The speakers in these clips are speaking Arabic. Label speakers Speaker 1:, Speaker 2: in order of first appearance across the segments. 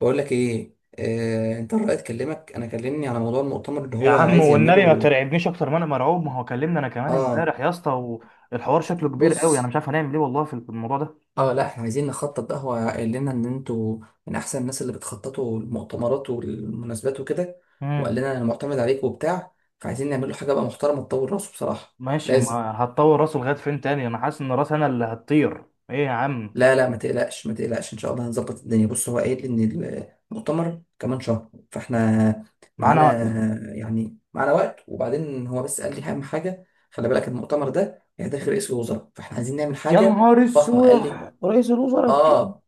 Speaker 1: بقول لك ايه، انت الرأي اتكلمك. انا كلمني على موضوع المؤتمر اللي
Speaker 2: يا
Speaker 1: هو
Speaker 2: عم
Speaker 1: عايز
Speaker 2: والنبي ما
Speaker 1: يعمله.
Speaker 2: ترعبنيش اكتر ما انا مرعوب. ما هو كلمنا انا كمان
Speaker 1: اه.
Speaker 2: امبارح يا اسطى، والحوار شكله كبير قوي، انا
Speaker 1: بص.
Speaker 2: مش عارف هنعمل ايه والله في الموضوع ده.
Speaker 1: اه، لا احنا عايزين نخطط. ده هو قال لنا ان انتوا من احسن الناس اللي بتخططوا المؤتمرات والمناسبات وكده، وقال
Speaker 2: امم
Speaker 1: لنا انا معتمد عليك وبتاع، فعايزين نعمل له حاجه بقى محترمه تطور راسه بصراحه.
Speaker 2: ماشي،
Speaker 1: لازم.
Speaker 2: ما هتطور راسه لغايه فين تاني؟ انا حاسس ان راس انا اللي هتطير. ايه يا عم؟
Speaker 1: لا ما تقلقش، ما تقلقش، ان شاء الله هنظبط الدنيا. بص، هو قايل ان المؤتمر كمان شهر، فاحنا معانا.
Speaker 2: معانا.
Speaker 1: يعني معانا وقت. وبعدين هو بس قال لي اهم حاجه خلي بالك المؤتمر ده هيدخل رئيس الوزراء، فاحنا عايزين نعمل
Speaker 2: يا
Speaker 1: حاجه
Speaker 2: نهار
Speaker 1: فخمه،
Speaker 2: اسود،
Speaker 1: قال لي.
Speaker 2: رئيس الوزراء بجد.
Speaker 1: اه.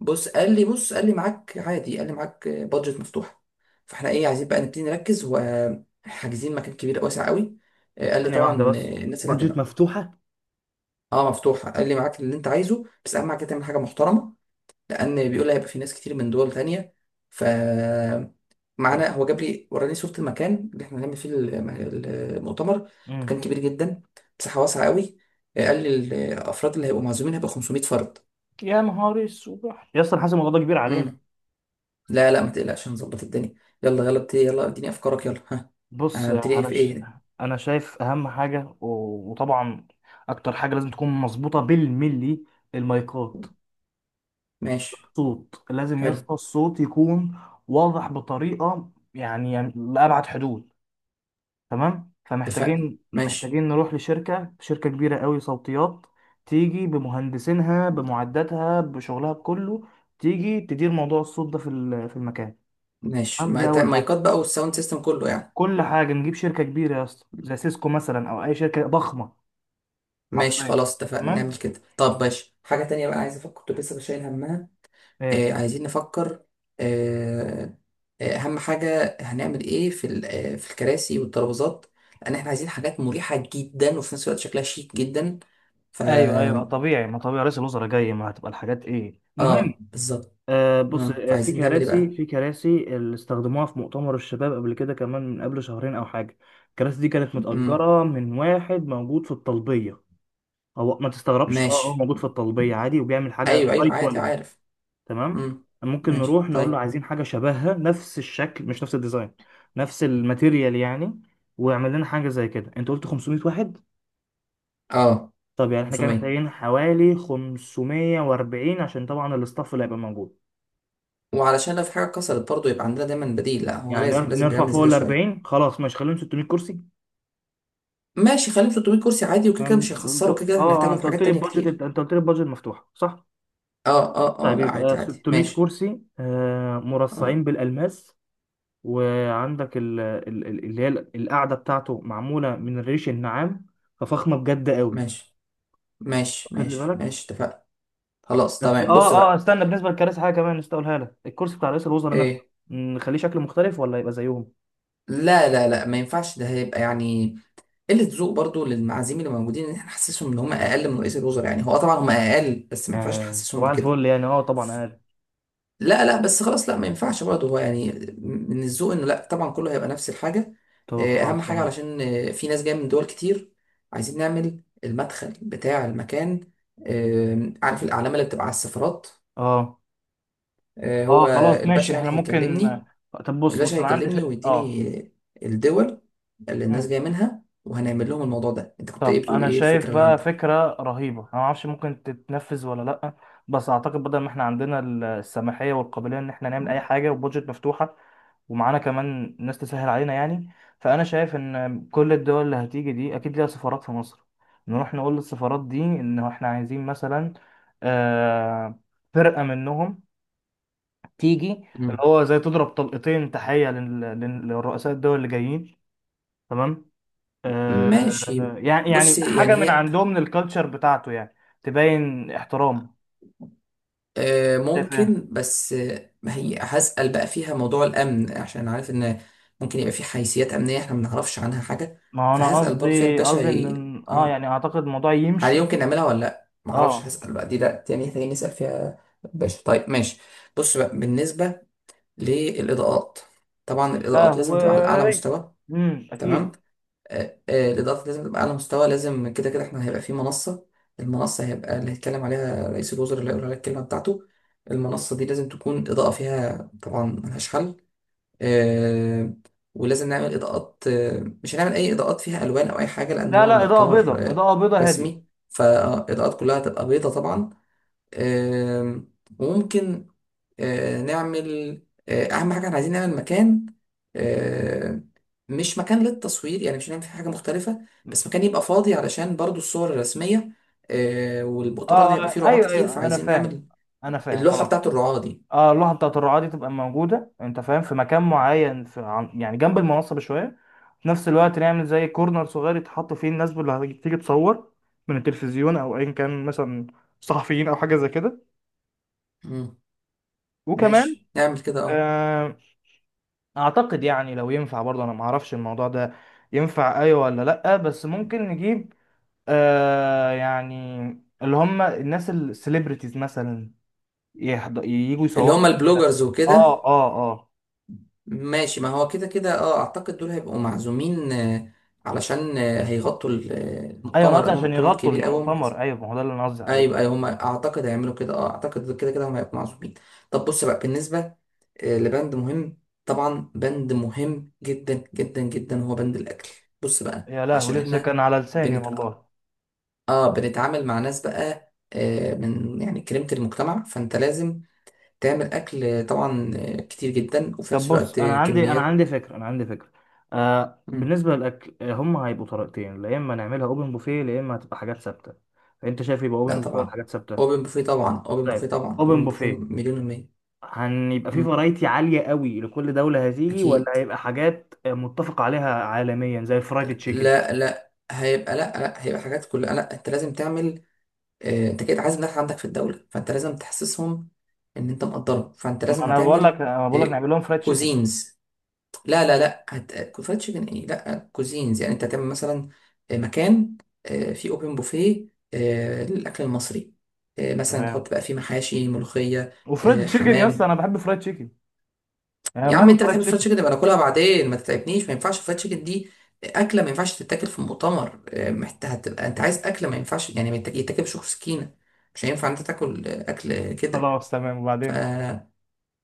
Speaker 1: بص قال لي، بص قال لي معاك عادي، قال لي معاك بادجت مفتوحه. فاحنا ايه، عايزين بقى نبتدي نركز. وحاجزين مكان كبير واسع قوي. قال لي
Speaker 2: ثانيه
Speaker 1: طبعا
Speaker 2: واحده بس،
Speaker 1: الناس اللي
Speaker 2: بادجت
Speaker 1: هتبقى.
Speaker 2: مفتوحة؟
Speaker 1: اه مفتوحه، قال لي معاك اللي انت عايزه بس اهم حاجه تعمل حاجه محترمه، لان بيقول هيبقى في ناس كتير من دول تانية. ف
Speaker 2: طب.
Speaker 1: معانا. هو جاب لي وراني صورة المكان اللي احنا هنعمل فيه المؤتمر.
Speaker 2: امم
Speaker 1: مكان كبير جدا، مساحة واسعة قوي. قال لي الافراد اللي هيبقوا معزومين هيبقى 500 فرد.
Speaker 2: يا نهار اسود يا اسطى، انا حاسس الموضوع ده كبير علينا.
Speaker 1: امم لا لا ما تقلقش، هنظبط الدنيا. يلا يلا ابتدي، يلا اديني افكارك، يلا ها.
Speaker 2: بص
Speaker 1: هنبتدي
Speaker 2: انا
Speaker 1: في
Speaker 2: ش...
Speaker 1: ايه؟
Speaker 2: انا شايف اهم حاجه وطبعا اكتر حاجه لازم تكون مظبوطه بالملي، المايكات.
Speaker 1: ماشي.
Speaker 2: صوت لازم يا
Speaker 1: حلو.
Speaker 2: اسطى، الصوت يكون واضح بطريقه، يعني يعني لأبعد حدود. تمام،
Speaker 1: اتفقنا.
Speaker 2: فمحتاجين
Speaker 1: ماشي.
Speaker 2: محتاجين نروح لشركه، شركه كبيره قوي صوتيات، تيجي بمهندسينها بمعداتها بشغلها بكله، تيجي تدير موضوع الصوت ده في المكان.
Speaker 1: ماشي،
Speaker 2: تمام، دي اول حاجه.
Speaker 1: مايكات بقى والساوند سيستم كله يعني.
Speaker 2: كل حاجه نجيب شركه كبيره يا اسطى، زي سيسكو مثلا او اي شركه ضخمه.
Speaker 1: ماشي
Speaker 2: حرفيا.
Speaker 1: خلاص اتفقنا نعمل
Speaker 2: تمام.
Speaker 1: كده. طب ماشي حاجة تانية بقى عايز افكر كنت لسه شايل همها.
Speaker 2: ايه؟
Speaker 1: عايزين نفكر. آه، أهم حاجة هنعمل إيه في ال- آه، في الكراسي والترابيزات، لأن إحنا عايزين حاجات مريحة جدا وفي نفس الوقت شكلها شيك جدا. ف
Speaker 2: ايوه ايوه طبيعي، ما طبيعي رئيس الوزراء جاي، ما هتبقى الحاجات ايه المهم.
Speaker 1: آه بالظبط.
Speaker 2: بص،
Speaker 1: آه،
Speaker 2: في
Speaker 1: فعايزين نعمل إيه
Speaker 2: كراسي،
Speaker 1: بقى؟
Speaker 2: في كراسي اللي استخدموها في مؤتمر الشباب قبل كده، كمان من قبل شهرين او حاجه. الكراسي دي كانت
Speaker 1: مم.
Speaker 2: متأجرة من واحد موجود في الطلبيه. هو ما تستغربش، اه هو
Speaker 1: ماشي.
Speaker 2: موجود في الطلبيه عادي، وبيعمل حاجه
Speaker 1: أيوه
Speaker 2: هاي
Speaker 1: أيوه عادي
Speaker 2: كواليتي.
Speaker 1: عارف.
Speaker 2: تمام.
Speaker 1: مم.
Speaker 2: ممكن
Speaker 1: ماشي
Speaker 2: نروح نقول له
Speaker 1: طيب.
Speaker 2: عايزين حاجه شبهها، نفس الشكل مش نفس الديزاين، نفس الماتيريال يعني. ويعمل لنا حاجه زي كده. انت قلت 500 واحد،
Speaker 1: آه،
Speaker 2: طب يعني احنا كده
Speaker 1: 500.
Speaker 2: محتاجين حوالي 540، عشان طبعا الاستاف اللي هيبقى موجود.
Speaker 1: وعلشان لو في حاجة اتكسرت برضه يبقى عندنا دايما بديل. لا هو
Speaker 2: يعني
Speaker 1: لازم، لازم
Speaker 2: نرفع
Speaker 1: بنعمل
Speaker 2: فوق
Speaker 1: زيادة
Speaker 2: ال
Speaker 1: شوية.
Speaker 2: 40، خلاص ماشي خليهم 600 كرسي.
Speaker 1: ماشي خليهم 300 كرسي عادي، وكده كده
Speaker 2: يعني
Speaker 1: مش
Speaker 2: انت،
Speaker 1: هيخسروا، كده كده
Speaker 2: اه
Speaker 1: هنحتاجهم
Speaker 2: انت
Speaker 1: في
Speaker 2: قلت
Speaker 1: حاجات
Speaker 2: لي
Speaker 1: تانية
Speaker 2: البادجت،
Speaker 1: كتير.
Speaker 2: انت قلت لي البادجت مفتوحه صح؟
Speaker 1: اه
Speaker 2: طيب
Speaker 1: لا عادي
Speaker 2: يبقى
Speaker 1: عادي
Speaker 2: 600
Speaker 1: ماشي.
Speaker 2: كرسي، مرصعين
Speaker 1: اه
Speaker 2: بالالماس. وعندك اللي هي القعده بتاعته معموله من الريش النعام، ففخمه بجد قوي.
Speaker 1: ماشي. ماشي
Speaker 2: واخد لي
Speaker 1: ماشي
Speaker 2: بالك؟
Speaker 1: ماشي اتفقنا. خلاص
Speaker 2: بس
Speaker 1: تمام. بص بقى.
Speaker 2: استنى، بالنسبه للكراسي حاجه كمان نسيت اقولها لك، الكرسي بتاع رئيس الوزراء نفسه،
Speaker 1: ايه؟
Speaker 2: نخليه شكله مختلف ولا يبقى زيهم؟
Speaker 1: لا ما ينفعش، ده هيبقى يعني قلة ذوق برضو للمعازيم اللي موجودين، ان احنا نحسسهم ان هم اقل من رئيس الوزراء. يعني هو طبعا هم اقل بس ما ينفعش
Speaker 2: آه
Speaker 1: نحسسهم
Speaker 2: صباح
Speaker 1: بكده.
Speaker 2: الفل يعني، اه
Speaker 1: ف-
Speaker 2: طبعا اقل.
Speaker 1: لا لا بس خلاص، لا ما ينفعش برضو، هو يعني من الذوق انه لا طبعا كله هيبقى نفس الحاجة.
Speaker 2: طب
Speaker 1: إيه، اهم
Speaker 2: خلاص
Speaker 1: حاجة
Speaker 2: تمام.
Speaker 1: علشان إيه، في ناس جاية من دول كتير، عايزين نعمل المدخل بتاع المكان. إيه، عارف الأعلام اللي بتبقى على السفارات؟
Speaker 2: اه
Speaker 1: هو
Speaker 2: اه خلاص
Speaker 1: الباشا
Speaker 2: ماشي،
Speaker 1: يعني
Speaker 2: احنا ممكن.
Speaker 1: هيكلمني.
Speaker 2: طب بص،
Speaker 1: الباشا
Speaker 2: بص انا عندي
Speaker 1: هيكلمني
Speaker 2: فك... اه
Speaker 1: ويديني الدول اللي الناس
Speaker 2: مم.
Speaker 1: جايه منها، وهنعمل لهم الموضوع ده. انت كنت ايه
Speaker 2: طب
Speaker 1: بتقول،
Speaker 2: انا
Speaker 1: ايه
Speaker 2: شايف
Speaker 1: الفكره اللي
Speaker 2: بقى
Speaker 1: عندك؟
Speaker 2: فكرة رهيبة، انا ما اعرفش ممكن تتنفذ ولا لا، بس اعتقد بدل ما احنا عندنا السماحية والقابلية ان احنا نعمل اي حاجة وبودجت مفتوحة، ومعانا كمان ناس تسهل علينا يعني. فانا شايف ان كل الدول اللي هتيجي دي اكيد ليها سفارات في مصر. نروح نقول للسفارات دي ان احنا عايزين مثلا آه، فرقة منهم تيجي، اللي
Speaker 1: مم.
Speaker 2: هو زي تضرب طلقتين تحية للرؤساء الدول اللي جايين. تمام.
Speaker 1: ماشي.
Speaker 2: يعني
Speaker 1: بص
Speaker 2: يعني
Speaker 1: يعني
Speaker 2: حاجة من
Speaker 1: هي،
Speaker 2: عندهم، من الكالتشر بتاعته يعني، تبين احترام. شايف ايه؟
Speaker 1: ممكن بس، آه، ما هي هسأل بقى فيها موضوع الأمن عشان عارف إن ممكن يبقى في حيثيات أمنية إحنا ما نعرفش عنها حاجة.
Speaker 2: ما هو انا
Speaker 1: فهسأل برضه فيها
Speaker 2: قصدي،
Speaker 1: الباشا،
Speaker 2: قصدي
Speaker 1: ي...
Speaker 2: ان اه
Speaker 1: آه
Speaker 2: يعني اعتقد الموضوع
Speaker 1: هل
Speaker 2: يمشي.
Speaker 1: يمكن نعملها ولا لأ؟ ما أعرفش،
Speaker 2: اه.
Speaker 1: هسأل بقى. دي لأ، تاني محتاجين نسأل فيها الباشا. طيب ماشي. بص بقى بالنسبة للإضاءات، طبعا
Speaker 2: لا
Speaker 1: الإضاءات لازم تبقى على أعلى
Speaker 2: هو.
Speaker 1: مستوى. تمام.
Speaker 2: اكيد.
Speaker 1: الإضاءات لازم تبقى على أعلى مستوى. لازم كده كده إحنا هيبقى في منصة. المنصة هيبقى اللي هيتكلم عليها رئيس الوزراء، اللي هيقول عليها الكلمة بتاعته. المنصة دي لازم تكون الإضاءة فيها طبعا ملهاش حل. آه، ولازم نعمل إضاءات، مش هنعمل أي إضاءات فيها ألوان أو أي حاجة لأن
Speaker 2: لا
Speaker 1: هو
Speaker 2: لا، اضاءة
Speaker 1: مؤتمر
Speaker 2: بيضاء،
Speaker 1: آه،
Speaker 2: اضاءة بيضاء هادية.
Speaker 1: رسمي، فالإضاءات كلها هتبقى بيضة طبعا. آم، وممكن نعمل، اهم حاجه احنا عايزين نعمل مكان، آه، مش مكان للتصوير يعني، مش هنعمل فيه حاجه مختلفه، بس مكان يبقى فاضي علشان برضو الصور الرسميه.
Speaker 2: اه.
Speaker 1: والمؤتمر ده هيبقى فيه رعاة
Speaker 2: ايوه
Speaker 1: كتير،
Speaker 2: ايوه انا
Speaker 1: فعايزين
Speaker 2: فاهم،
Speaker 1: نعمل
Speaker 2: انا فاهم
Speaker 1: اللوحه
Speaker 2: خلاص.
Speaker 1: بتاعت الرعاة دي.
Speaker 2: اه، اللوحه بتاعت الرعاه دي تبقى موجوده، انت فاهم، في مكان معين في يعني جنب المنصه بشويه. في نفس الوقت نعمل زي كورنر صغير يتحط فيه الناس اللي هتيجي تصور، من التلفزيون او ايا كان مثلا، صحفيين او حاجه زي كده.
Speaker 1: مم.
Speaker 2: وكمان
Speaker 1: ماشي نعمل كده. اه
Speaker 2: آه اعتقد يعني لو ينفع برضه، انا ما اعرفش الموضوع ده ينفع ايوه ولا لا، بس ممكن نجيب يعني اللي هم الناس السليبرتيز مثلا، يجوا
Speaker 1: اللي
Speaker 2: يصوروا
Speaker 1: هم
Speaker 2: ده.
Speaker 1: البلوجرز وكده.
Speaker 2: اه اه. آه.
Speaker 1: ماشي، ما هو كده كده اه اعتقد دول هيبقوا معزومين، علشان هيغطوا
Speaker 2: ايوه، انا
Speaker 1: المؤتمر
Speaker 2: قصدي
Speaker 1: لانه
Speaker 2: عشان
Speaker 1: مؤتمر
Speaker 2: يغطوا
Speaker 1: كبير قوي.
Speaker 2: المؤتمر، ايوه ما هو ده اللي انا قصدي عليه.
Speaker 1: ايوه ايوه هم اعتقد هيعملوا كده، اه اعتقد كده كده هم هيكونوا معزومين. طب بص بقى بالنسبه لبند مهم، طبعا بند مهم جدا جدا جدا هو بند الاكل. بص بقى
Speaker 2: يا لهوي،
Speaker 1: عشان
Speaker 2: لسه
Speaker 1: احنا
Speaker 2: كان على لساني
Speaker 1: بنت...
Speaker 2: والله.
Speaker 1: اه بنتعامل مع ناس بقى آه من يعني كريمه المجتمع، فانت لازم تعمل اكل طبعا كتير جدا، وفي
Speaker 2: طب
Speaker 1: نفس
Speaker 2: بص،
Speaker 1: الوقت
Speaker 2: انا عندي، انا
Speaker 1: كميات.
Speaker 2: عندي فكره انا عندي فكره. آه
Speaker 1: مم.
Speaker 2: بالنسبه للاكل، هم هيبقوا طريقتين، يا اما نعملها اوبن بوفيه يا اما هتبقى حاجات ثابته. فانت شايف يبقى
Speaker 1: لا
Speaker 2: اوبن بوفيه ولا
Speaker 1: طبعا،
Speaker 2: حاجات ثابته؟
Speaker 1: اوبن بوفيه طبعا، اوبن بوفيه
Speaker 2: طيب،
Speaker 1: طبعا،
Speaker 2: اوبن
Speaker 1: اوبن بوفيه
Speaker 2: بوفيه.
Speaker 1: مليون المية.
Speaker 2: هنبقى في
Speaker 1: مم.
Speaker 2: فرايتي عاليه قوي لكل دوله هتيجي، ولا
Speaker 1: اكيد.
Speaker 2: هيبقى حاجات متفق عليها عالميا زي فرايد تشيكن؟
Speaker 1: لا هيبقى، لا هيبقى حاجات كلها. لا انت لازم تعمل، انت كده عايز الناس عندك في الدولة، فانت لازم تحسسهم ان انت مقدرهم، فانت
Speaker 2: ما
Speaker 1: لازم
Speaker 2: انا بقول لك،
Speaker 1: هتعمل
Speaker 2: انا بقول لك نعمل لهم فرايد تشيكن.
Speaker 1: كوزينز. لا لا لا هت... فرايد تشيكن ايه؟ لا كوزينز. يعني انت هتعمل مثلا مكان فيه اوبن بوفيه للاكل المصري. مثلا
Speaker 2: تمام.
Speaker 1: تحط بقى فيه محاشي، ملوخية،
Speaker 2: وفرايد تشيكن يا اسطى،
Speaker 1: حمام.
Speaker 2: انا بحب فرايد تشيكن. يعني
Speaker 1: يا عم
Speaker 2: ماله
Speaker 1: انت
Speaker 2: فرايد
Speaker 1: بتحب الفرايد
Speaker 2: تشيكن؟
Speaker 1: تشيكن، يبقى ناكلها بعدين ما تتعبنيش. ما ينفعش الفرايد تشيكن دي اكله ما ينفعش تتاكل في مؤتمر. هتبقى انت عايز اكله ما ينفعش يعني يتاكل بشوك سكينه، مش هينفع انت تاكل اكل كده.
Speaker 2: خلاص تمام.
Speaker 1: ف...
Speaker 2: وبعدين،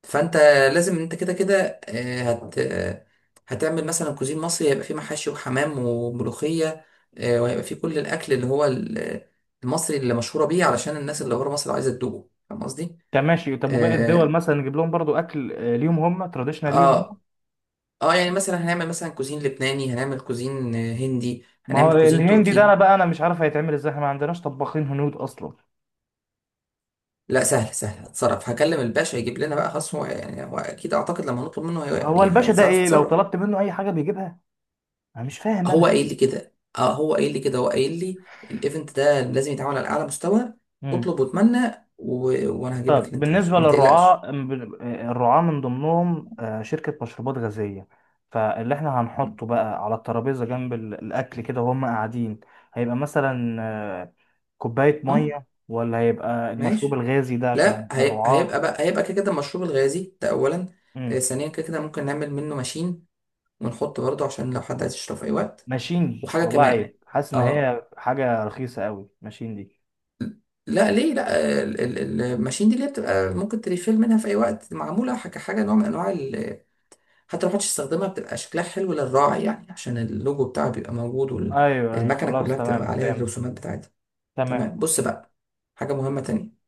Speaker 1: فانت لازم، انت كده كده اه، هت... اه، هتعمل مثلا كوزين مصري هيبقى فيه محاشي وحمام وملوخيه. اه، وهيبقى فيه كل الاكل اللي هو المصري اللي مشهوره بيه، علشان الناس اللي بره مصر عايزه تدوقه. فاهم قصدي؟
Speaker 2: طب ماشي، طب وباقي الدول
Speaker 1: اه.
Speaker 2: مثلا نجيب لهم برضو اكل ليهم، هم تراديشنال ليهم.
Speaker 1: آه، اه يعني مثلا هنعمل مثلا كوزين لبناني، هنعمل كوزين هندي،
Speaker 2: ما هو
Speaker 1: هنعمل كوزين
Speaker 2: الهندي ده انا
Speaker 1: تركي.
Speaker 2: بقى، انا مش عارف هيتعمل ازاي، احنا ما عندناش طباخين هنود اصلا.
Speaker 1: لا سهل سهل هتصرف، هكلم الباشا يجيب لنا بقى خلاص. هو يعني هو اكيد اعتقد لما نطلب منه
Speaker 2: هو
Speaker 1: يعني
Speaker 2: الباشا ده
Speaker 1: هيعرف
Speaker 2: ايه، لو
Speaker 1: يتصرف.
Speaker 2: طلبت منه اي حاجه بيجيبها؟ انا مش فاهم.
Speaker 1: هو قايل لي كده، اه هو قايل لي كده، هو قايل لي الايفنت ده لازم يتعمل على اعلى مستوى.
Speaker 2: انا.
Speaker 1: اطلب واتمنى و... وانا هجيب لك
Speaker 2: طب
Speaker 1: اللي انت عايزه،
Speaker 2: بالنسبة
Speaker 1: فما تقلقش.
Speaker 2: للرعاة، الرعاة من ضمنهم شركة مشروبات غازية. فاللي احنا هنحطه بقى على الترابيزة جنب الأكل كده وهم قاعدين، هيبقى مثلا آه، كوباية
Speaker 1: اه
Speaker 2: مية ولا هيبقى المشروب
Speaker 1: ماشي.
Speaker 2: الغازي ده
Speaker 1: لا
Speaker 2: عشان
Speaker 1: هي... هيبقى
Speaker 2: الرعاة؟
Speaker 1: بقى، هيبقى كده كده المشروب الغازي ده اولا. آه
Speaker 2: مم.
Speaker 1: ثانيا كده كده ممكن نعمل منه ماشين ونحط برضه عشان لو حد عايز يشرب في اي وقت.
Speaker 2: ماشين؟
Speaker 1: وحاجه
Speaker 2: والله
Speaker 1: كمان.
Speaker 2: عيب، حاسس إن
Speaker 1: اه،
Speaker 2: هي حاجة رخيصة قوي ماشين دي.
Speaker 1: لا ليه؟ لا الماشين دي اللي هي بتبقى ممكن تريفيل منها في اي وقت، معموله كحاجه نوع من انواع حتى لو محدش استخدمها بتبقى شكلها حلو للراعي، يعني عشان اللوجو بتاعه بيبقى موجود
Speaker 2: أيوه أيوه
Speaker 1: والمكنه
Speaker 2: خلاص
Speaker 1: كلها
Speaker 2: تمام،
Speaker 1: بتبقى عليها
Speaker 2: فهمت.
Speaker 1: الرسومات بتاعتها.
Speaker 2: تمام.
Speaker 1: تمام. بص بقى حاجه مهمه تانية،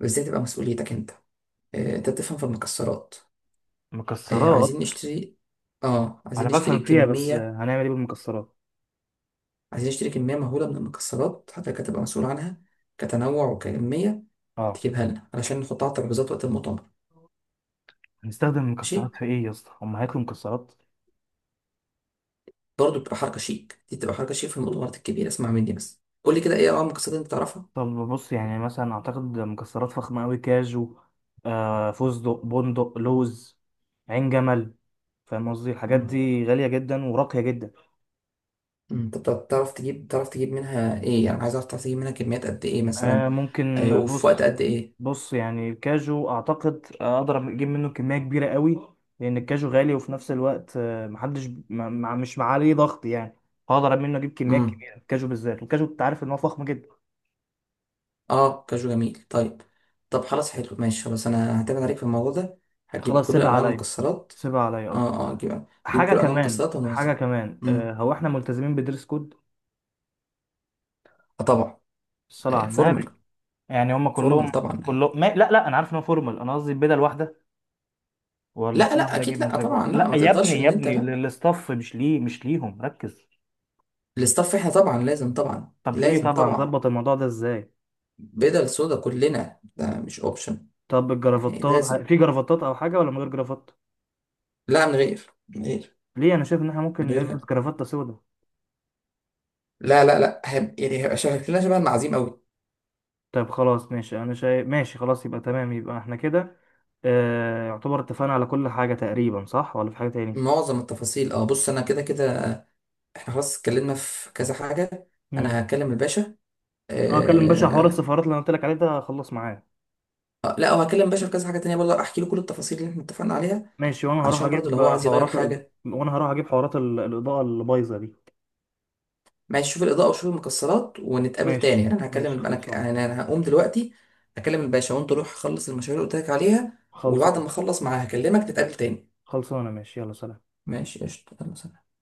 Speaker 1: وازاي تبقى مسؤوليتك انت، انت بتفهم في المكسرات.
Speaker 2: مكسرات؟
Speaker 1: عايزين نشتري، اه
Speaker 2: أنا
Speaker 1: عايزين
Speaker 2: بفهم
Speaker 1: نشتري
Speaker 2: فيها، بس
Speaker 1: كميه،
Speaker 2: هنعمل إيه بالمكسرات؟
Speaker 1: عايزين نشتري كمية مهولة من المكسرات، حضرتك هتبقى مسؤول عنها كتنوع وكمية،
Speaker 2: اه.
Speaker 1: تجيبها لنا علشان نحطها على الترابيزات وقت المؤتمر.
Speaker 2: هنستخدم
Speaker 1: ماشي،
Speaker 2: مكسرات في ايه يا اسطى، هم هياكلوا مكسرات؟
Speaker 1: برضه بتبقى حركة شيك، دي بتبقى حركة شيك في المؤتمرات الكبيرة. اسمع مني بس، قول لي كده ايه انواع المكسرات اللي انت تعرفها.
Speaker 2: طب بص، يعني مثلا اعتقد مكسرات فخمه قوي، كاجو، فستق، بندق، لوز، عين جمل. فاهم قصدي؟ الحاجات
Speaker 1: امم،
Speaker 2: دي غاليه جدا وراقيه جدا.
Speaker 1: انت بتعرف تجيب تعرف تجيب منها ايه يعني، عايز اعرف تعرف تجيب منها كميات قد ايه
Speaker 2: آه
Speaker 1: مثلا،
Speaker 2: ممكن.
Speaker 1: وفي وقت
Speaker 2: بص،
Speaker 1: قد ايه؟
Speaker 2: بص يعني الكاجو اعتقد اقدر اجيب منه كميه كبيره قوي، لان الكاجو غالي وفي نفس الوقت محدش مش عليه ضغط يعني. هقدر منه اجيب كميات
Speaker 1: مم.
Speaker 2: كبيره، الكاجو بالذات، الكاجو انت عارف ان هو فخم جدا.
Speaker 1: اه كاجو جميل، طيب. طب خلاص حلو ماشي، خلاص انا هعتمد عليك في الموضوع ده، هتجيب
Speaker 2: خلاص
Speaker 1: كل
Speaker 2: سيبها
Speaker 1: انواع
Speaker 2: عليا،
Speaker 1: المكسرات.
Speaker 2: سيبها عليا اه.
Speaker 1: اه هتجيب، هتجيب
Speaker 2: حاجة
Speaker 1: كل انواع
Speaker 2: كمان،
Speaker 1: المكسرات
Speaker 2: حاجة
Speaker 1: ونوزعها.
Speaker 2: كمان،
Speaker 1: امم.
Speaker 2: هو احنا ملتزمين بدرس كود؟
Speaker 1: آه طبعا.
Speaker 2: الصلاة على النبي.
Speaker 1: فورمال.
Speaker 2: يعني هم
Speaker 1: فورمال
Speaker 2: كلهم،
Speaker 1: طبعا.
Speaker 2: كلهم ما... لا لا انا عارف ان هو فورمال، انا قصدي البدل واحدة ولا
Speaker 1: لا
Speaker 2: كل
Speaker 1: لا
Speaker 2: واحد يجيب
Speaker 1: اكيد لا
Speaker 2: مزاجه؟
Speaker 1: طبعا لا،
Speaker 2: لا
Speaker 1: ما
Speaker 2: يا
Speaker 1: تقدرش
Speaker 2: ابني يا
Speaker 1: ان انت
Speaker 2: ابني
Speaker 1: لا،
Speaker 2: للاستاف، مش ليه، مش ليهم، ركز.
Speaker 1: الاستاف احنا طبعا لازم، طبعا
Speaker 2: طب ايه
Speaker 1: لازم،
Speaker 2: طبعا؟
Speaker 1: طبعا
Speaker 2: ظبط الموضوع ده ازاي؟
Speaker 1: بدل سودا كلنا، ده مش اوبشن،
Speaker 2: طب
Speaker 1: يعني
Speaker 2: الجرافطات،
Speaker 1: لازم.
Speaker 2: في جرافطات او حاجة ولا من غير جرافطة؟
Speaker 1: لا من غير، من غير،
Speaker 2: ليه؟ انا شايف ان احنا
Speaker 1: من
Speaker 2: ممكن نلبس
Speaker 1: غيرها.
Speaker 2: جرافطة سودا.
Speaker 1: لا هيبقى يعني هيبقى شكلنا شبه المعازيم قوي.
Speaker 2: طب خلاص ماشي، انا شايف ماشي خلاص، يبقى تمام، يبقى احنا كده يعتبر اتفقنا على كل حاجة تقريبا صح، ولا في حاجة تاني؟
Speaker 1: معظم التفاصيل اه، بص انا كده كده، احنا خلاص اتكلمنا في كذا حاجة.
Speaker 2: مم.
Speaker 1: انا هكلم الباشا.
Speaker 2: اه اكلم باشا، حوار
Speaker 1: آه...
Speaker 2: السفارات اللي انا قلت لك عليه ده خلص معايا.
Speaker 1: لا وهكلم الباشا في كذا حاجة تانية برضه، احكي له كل التفاصيل اللي احنا اتفقنا عليها
Speaker 2: ماشي، وانا هروح
Speaker 1: علشان برضه لو
Speaker 2: اجيب
Speaker 1: هو عايز يغير
Speaker 2: حوارات ال...
Speaker 1: حاجة.
Speaker 2: وانا هروح اجيب حوارات ال... الاضاءه اللي بايظه دي.
Speaker 1: ماشي شوف الإضاءة وشوف المكسرات ونتقابل تاني.
Speaker 2: ماشي
Speaker 1: يعني انا هكلم
Speaker 2: ماشي خلصان.
Speaker 1: يعني انا هقوم دلوقتي اكلم الباشا، وانت روح خلص المشاريع اللي قلت لك عليها. وبعد ما
Speaker 2: خلصان.
Speaker 1: اخلص معاه هكلمك نتقابل تاني.
Speaker 2: خلصانه، ماشي، يلا سلام.
Speaker 1: ماشي قشطة، يلا سلام.